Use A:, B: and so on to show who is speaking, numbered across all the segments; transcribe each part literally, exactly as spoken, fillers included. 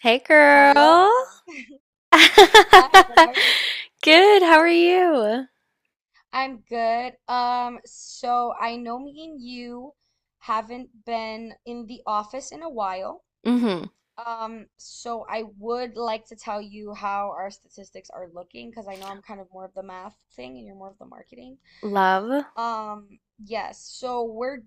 A: Hey,
B: Hello.
A: girl.
B: Hi, how are you?
A: Good. How are you?
B: I'm good. Um, so I know me and you haven't been in the office in a while.
A: Hmm.
B: Um, so I would like to tell you how our statistics are looking because I know I'm kind of more of the math thing and you're more of the marketing.
A: Love.
B: Um, yes, so we're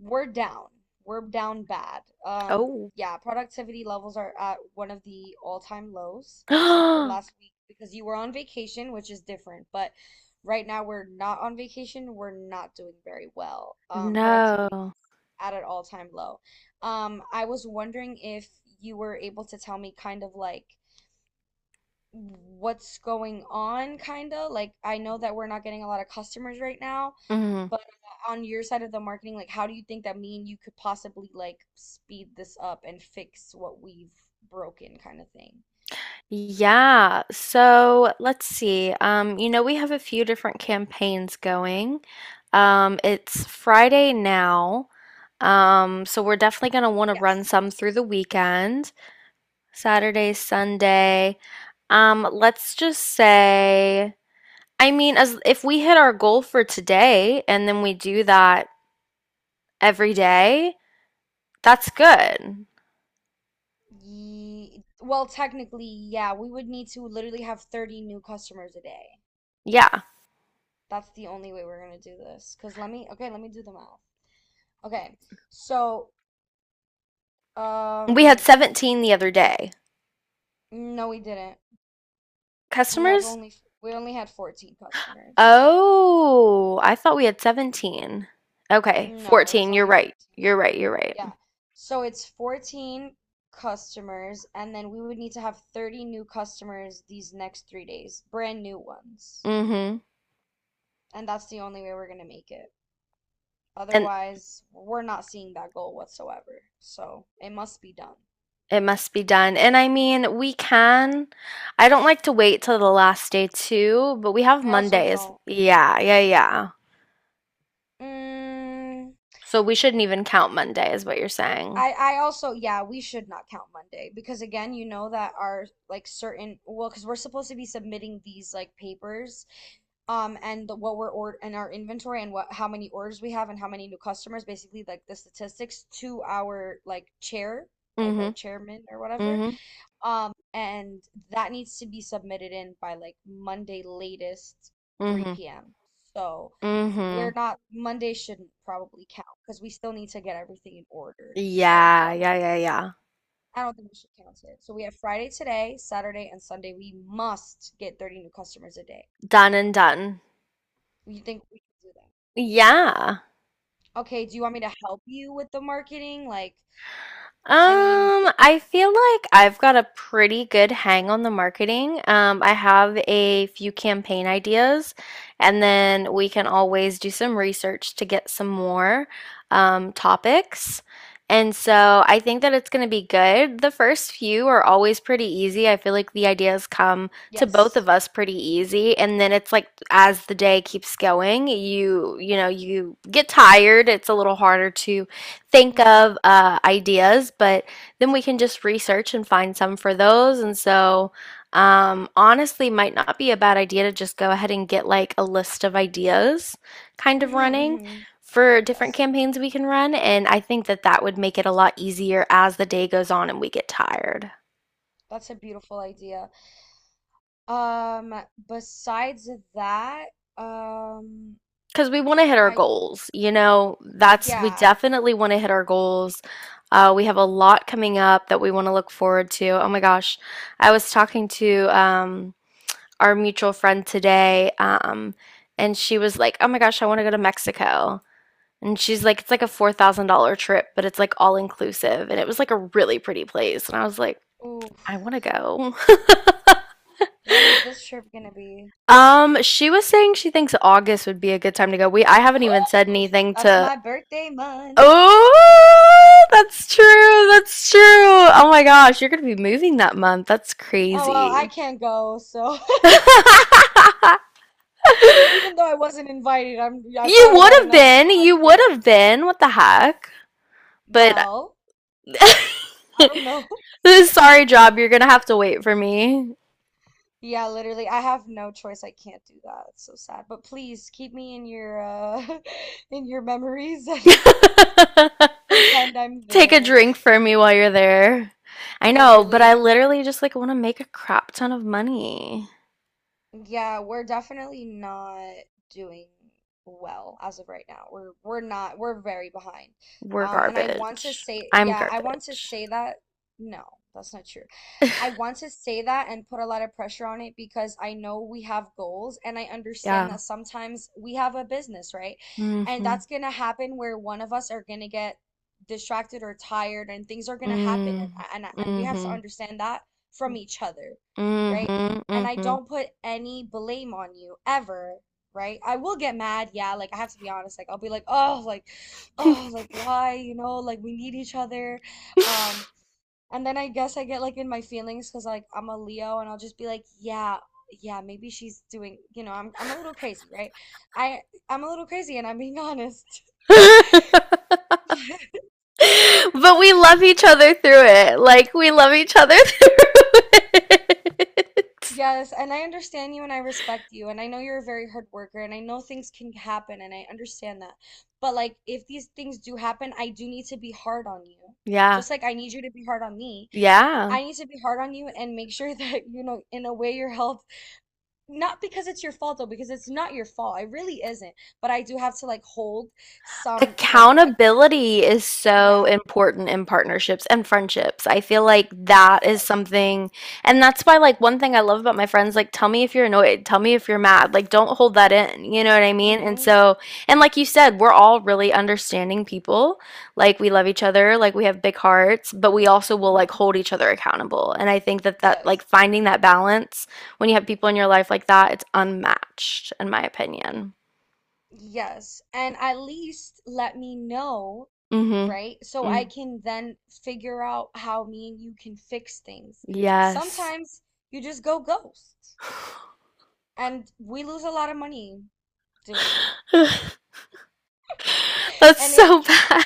B: we're down. We're down bad. Um,
A: Oh.
B: yeah, productivity levels are at one of the all-time lows, except for last week because you were on vacation, which is different. But right now we're not on vacation. We're not doing very well. Um, productivity is
A: No.
B: at an all-time low. Um, I was wondering if you were able to tell me kind of like what's going on, kind of. Like, I know that we're not getting a lot of customers right now,
A: Hmm.
B: but uh, on your side of the marketing, like, how do you think that me and you could possibly like speed this up and fix what we've broken, kind of thing?
A: Yeah. So let's see. Um, you know, we have a few different campaigns going. Um, it's Friday now. Um, so we're definitely going to want to run
B: Yes.
A: some through the weekend, Saturday, Sunday. Um, let's just say. I mean, as if we hit our goal for today and then we do that every day, that's good.
B: Ye well, technically, yeah, we would need to literally have thirty new customers a day.
A: Yeah.
B: That's the only way we're gonna do this. Cause let me, okay, let me do the math. Okay, so,
A: We had
B: um,
A: seventeen the other day.
B: no, we didn't. We had
A: Customers?
B: only we only had fourteen customers.
A: Oh, I thought we had seventeen. Okay,
B: No, it was
A: fourteen. You're
B: only
A: right.
B: fourteen.
A: You're right. You're right.
B: Yeah. So it's fourteen customers, and then we would need to have thirty new customers these next three days, brand new ones.
A: Mm-hmm.
B: And that's the only way we're going to make it.
A: And
B: Otherwise, we're not seeing that goal whatsoever. So it must be done.
A: it must be done. And I mean, we can. I don't like to wait till the last day too, but we have
B: I also
A: Mondays.
B: don't.
A: Yeah, yeah, yeah.
B: Mm,
A: So we shouldn't even count Monday, is what you're saying.
B: I I also, yeah, we should not count Monday because again, you know that our like certain well, because we're supposed to be submitting these like papers, um, and the, what we're order and our inventory and what how many orders we have and how many new customers, basically like the statistics to our like chair, like
A: Mm-hmm.
B: our chairman or whatever.
A: Mm-hmm.
B: Um, and that needs to be submitted in by like Monday, latest,
A: Mm-hmm.
B: three p m. So
A: Mm-hmm.
B: we're not, Monday shouldn't probably count because we still need to get everything in order. So
A: Yeah, yeah, yeah,
B: probably,
A: yeah.
B: I don't think we should count it. So we have Friday today, Saturday, and Sunday. We must get thirty new customers a day.
A: Done and done.
B: You think we can do that?
A: Yeah.
B: Okay, do you want me to help you with the marketing? Like, I mean,
A: Um, I feel like I've got a pretty good hang on the marketing. Um, I have a few campaign ideas, and then we can always do some research to get some more um, topics. And so I think that it's going to be good. The first few are always pretty easy. I feel like the ideas come to both of
B: yes.
A: us pretty easy, and then it's like as the day keeps going, you you know, you get tired. It's a little harder to think
B: Mm-hmm.
A: of uh, ideas, but then we can just research and find some for those. And so, um, honestly, might not be a bad idea to just go ahead and get like a list of ideas kind of
B: Mm-hmm.
A: running
B: Mm-hmm.
A: for different
B: Yes.
A: campaigns we can run. And I think that that would make it a lot easier as the day goes on and we get tired.
B: That's a beautiful idea. Um, besides that, um,
A: Because we want to hit our
B: I,
A: goals, you know, that's we
B: yeah.
A: definitely want to hit our goals. Uh, we have a lot coming up that we want to look forward to. Oh my gosh, I was talking to um, our mutual friend today, um, and she was like, "Oh my gosh, I want to go to Mexico." And she's like, "It's like a four thousand dollar trip, but it's like all inclusive." And it was like a really pretty place, and I was like,
B: Ooh,
A: "I want to go."
B: when is this trip gonna be?
A: Um, she was saying she thinks August would be a good time to go. We I haven't even said anything
B: That's
A: to.
B: my birthday month.
A: Oh, that's true. That's true. Oh my gosh, you're gonna be moving that month. That's
B: Oh, well, I
A: crazy.
B: can't go, so even though I wasn't invited, I'm I
A: You
B: thought
A: would
B: about it
A: have
B: and I was like,
A: been.
B: well, I
A: You would
B: can't.
A: have been. What the heck? But
B: Well, I don't know.
A: this sorry job, you're gonna have to wait for me.
B: Yeah, literally, I have no choice. I can't do that. It's so sad. But please keep me in your uh in your memories at least. Pretend I'm
A: Take a
B: there.
A: drink for me while you're there. I know, but I
B: Literally,
A: literally just like want to make a crap ton of money.
B: yeah, we're definitely not doing well as of right now. We're we're not we're very behind.
A: We're
B: Um, and I want to
A: garbage.
B: say,
A: I'm
B: yeah, I want to
A: garbage.
B: say that no, that's not true. I want to say that and put a lot of pressure on it because I know we have goals and I understand
A: Yeah.
B: that sometimes we have a business, right? And
A: Mm-hmm.
B: that's gonna happen where one of us are gonna get distracted or tired and things are gonna happen, and
A: Mm.
B: and and we have to
A: Mm-hmm.
B: understand that from each other, right? And I
A: Mm-hmm.
B: don't put any blame on you ever, right? I will get mad, yeah, like I have to be honest, like I'll be like, oh, like,
A: Mm-hmm.
B: oh, like why, you know, like we need each other. Um, and then I guess I get like in my feelings because like I'm a Leo and I'll just be like, yeah, yeah, maybe she's doing, you know, I'm I'm a little crazy, right? I I'm a little crazy and I'm being honest.
A: But we love each other through it. Like we love each other through it.
B: Yes, and I understand you and I respect you, and I know you're a very hard worker, and I know things can happen, and I understand that. But like, if these things do happen, I do need to be hard on you.
A: Yeah.
B: Just like I need you to be hard on me,
A: Yeah.
B: I need to be hard on you and make sure that, you know, in a way your health, not because it's your fault though, because it's not your fault. It really isn't. But I do have to like hold some, like, a,
A: Accountability is so
B: yeah,
A: important in partnerships and friendships. I feel like that is
B: yes.
A: something, and that's why, like, one thing I love about my friends, like, tell me if you're annoyed, tell me if you're mad, like, don't hold that in, you know what I mean? And
B: Mm-hmm.
A: so, and like you said, we're all really understanding people. Like, we love each other, like, we have big hearts, but we also will, like,
B: Mm-hmm.
A: hold each other accountable. And I think that that, like,
B: Yes.
A: finding that balance when you have people in your life like that, it's unmatched, in my opinion.
B: Yes, and at least let me know,
A: Mhm.
B: right? So I
A: Mm,
B: can then figure out how me and you can fix things.
A: yes.
B: Sometimes you just go ghost, and we lose a lot of money doing that.
A: That's
B: And it
A: so bad.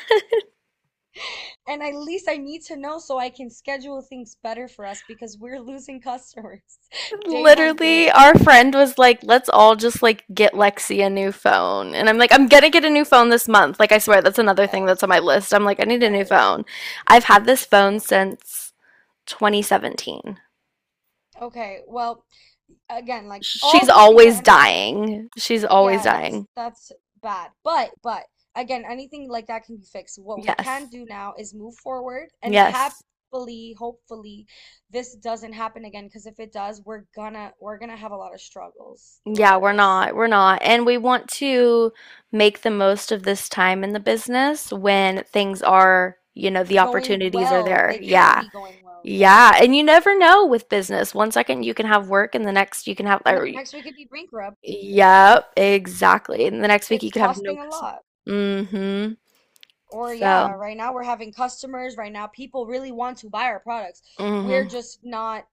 B: and at least I need to know so I can schedule things better for us because we're losing customers day by
A: Literally,
B: day.
A: our friend was like, "Let's all just like get Lexi a new phone." And I'm like, "I'm gonna get a new phone this month." Like I swear that's another thing that's on
B: Yes.
A: my list. I'm like, "I need a new
B: Yes.
A: phone." I've had this phone since twenty seventeen.
B: Okay. Well, again, like all
A: She's
B: these things are
A: always
B: understand.
A: dying. She's always
B: Yeah, that's
A: dying.
B: that's bad. But but again, anything like that can be fixed. What we
A: Yes.
B: can do now is move forward and
A: Yes.
B: happily, hopefully, this doesn't happen again. Because if it does, we're gonna we're gonna have a lot of struggles
A: Yeah,
B: throughout
A: we're
B: this.
A: not. We're not. And we want to make the most of this time in the business when things
B: Right.
A: are, you know, the
B: Going
A: opportunities are
B: well,
A: there.
B: they can
A: Yeah.
B: be going well, right?
A: Yeah. And you never know with business. One second you can have work and the next you can have
B: And
A: or,
B: then next we could be bankrupt.
A: yep, exactly.
B: It,
A: And the next week you
B: it's
A: can have no
B: costing a
A: customer.
B: lot.
A: Mm-hmm.
B: Or
A: So.
B: yeah, right now we're having customers. Right now, people really want to buy our products. We're
A: Mm-hmm.
B: just not,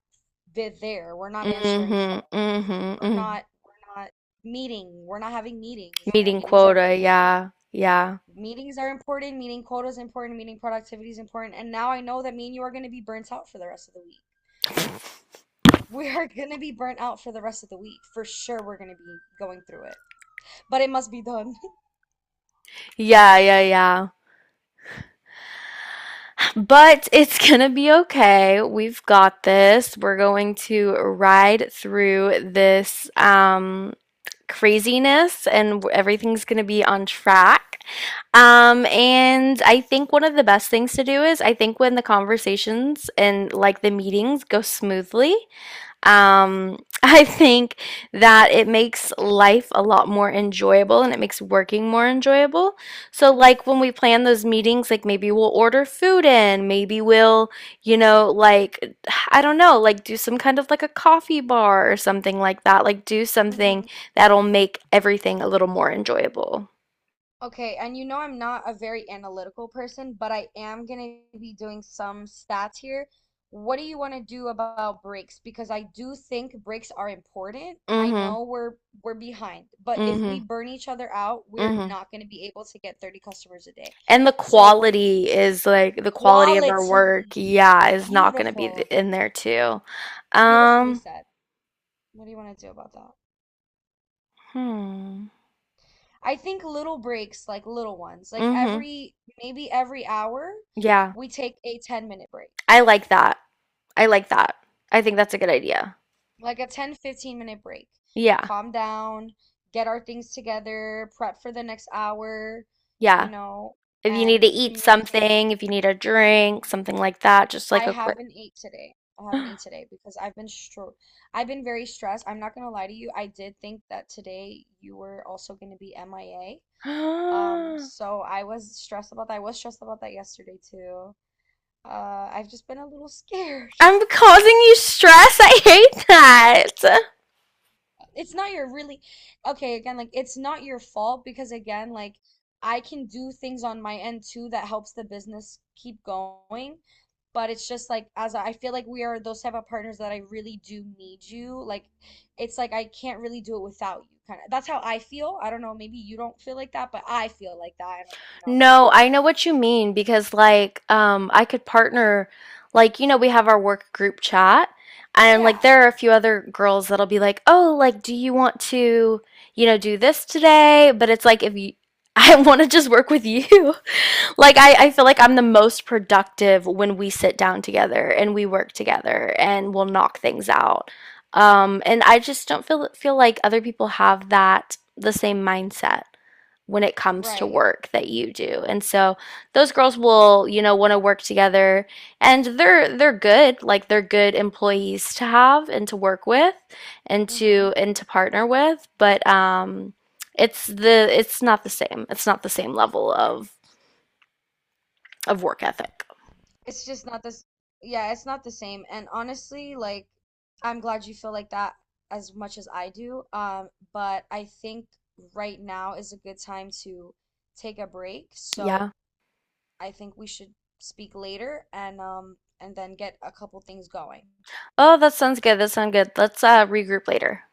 B: they're there. We're not answering
A: Mm-hmm.
B: phones.
A: Mm-hmm.
B: We're
A: Mm-hmm.
B: not we're not meeting. We're not having meetings. You know,
A: Meeting
B: meetings are
A: quota,
B: really important.
A: yeah. Yeah.
B: Meetings are important, meeting quota is important, meeting productivity is important. And now I know that me and you are going to be burnt out for the rest of the week. We are going to be burnt out for the rest of the week. For sure, we're going to be going through it. But it must be done.
A: Yeah, yeah, yeah. But it's gonna be okay. We've got this. We're going to ride through this um, craziness and everything's gonna be on track. Um, and I think one of the best things to do is I think when the conversations and like the meetings go smoothly, um, I think that it makes life a lot more enjoyable and it makes working more enjoyable. So, like when we plan those meetings, like maybe we'll order food in, maybe we'll, you know, like, I don't know, like do some kind of like a coffee bar or something like that. Like, do something
B: Hmm.
A: that'll make everything a little more enjoyable.
B: Okay, and you know I'm not a very analytical person, but I am going to be doing some stats here. What do you want to do about breaks? Because I do think breaks are important. I
A: Mm hmm.
B: know we're we're behind, but
A: Mm
B: if
A: hmm.
B: we burn each other out,
A: Mm
B: we're
A: hmm.
B: not going to be able to get thirty customers a day.
A: And the
B: So what do you,
A: quality is like the quality of our work,
B: quality,
A: yeah, is not going to be th-
B: beautiful,
A: in there too.
B: beautifully
A: Um,
B: said. What do you want to do about that?
A: Hmm.
B: I think little breaks, like little ones, like
A: Mhm.
B: every maybe every hour,
A: Yeah.
B: we take a ten minute break.
A: I like that. I like that. I think that's a good idea.
B: Like a ten fifteen minute break.
A: Yeah.
B: Calm down, get our things together, prep for the next hour, you
A: Yeah.
B: know,
A: If you need to
B: and
A: eat
B: communicate.
A: something, if you need a drink, something like that, just
B: I
A: like a quick
B: haven't ate today. I haven't ate today because I've been stro I've been very stressed. I'm not gonna lie to you. I did think that today you were also gonna be M I A. Um, so I was stressed about that. I was stressed about that yesterday too. Uh, I've just been a little scared.
A: I'm causing you stress. I hate that.
B: It's not your really, okay, again, like it's not your fault. Because again, like, I can do things on my end too that helps the business keep going. But it's just, like, as I feel like we are those type of partners that I really do need you. Like, it's like I can't really do it without you, kind of. That's how I feel. I don't know, maybe you don't feel like that, but I feel like that. And, you know
A: No, I know what you mean because like um I could partner like you know we have our work group chat and like
B: yeah,
A: there are a few other girls that'll be like, "Oh, like do you want to, you know, do this today?" But it's like if you I want to just work with you. Like I I feel like I'm the most productive when we sit down together and we work together and we'll knock things out. Um and I just don't feel feel like other people have that the same mindset when it comes to
B: right,
A: work that you do. And so those girls will, you know, want to work together and they're they're good, like they're good employees to have and to work with and to
B: mhm.
A: and to partner with, but um it's the it's not the same. It's not the same level of of work ethic.
B: It's just not this. Yeah, it's not the same. And honestly, like, I'm glad you feel like that as much as I do. Um, but I think right now is a good time to take a break. So
A: Yeah.
B: I think we should speak later, and um and then get a couple things going.
A: Oh, that sounds good. That sounds good. Let's uh regroup later.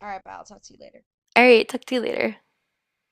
B: All right, bye. I'll talk to you later.
A: All right, talk to you later.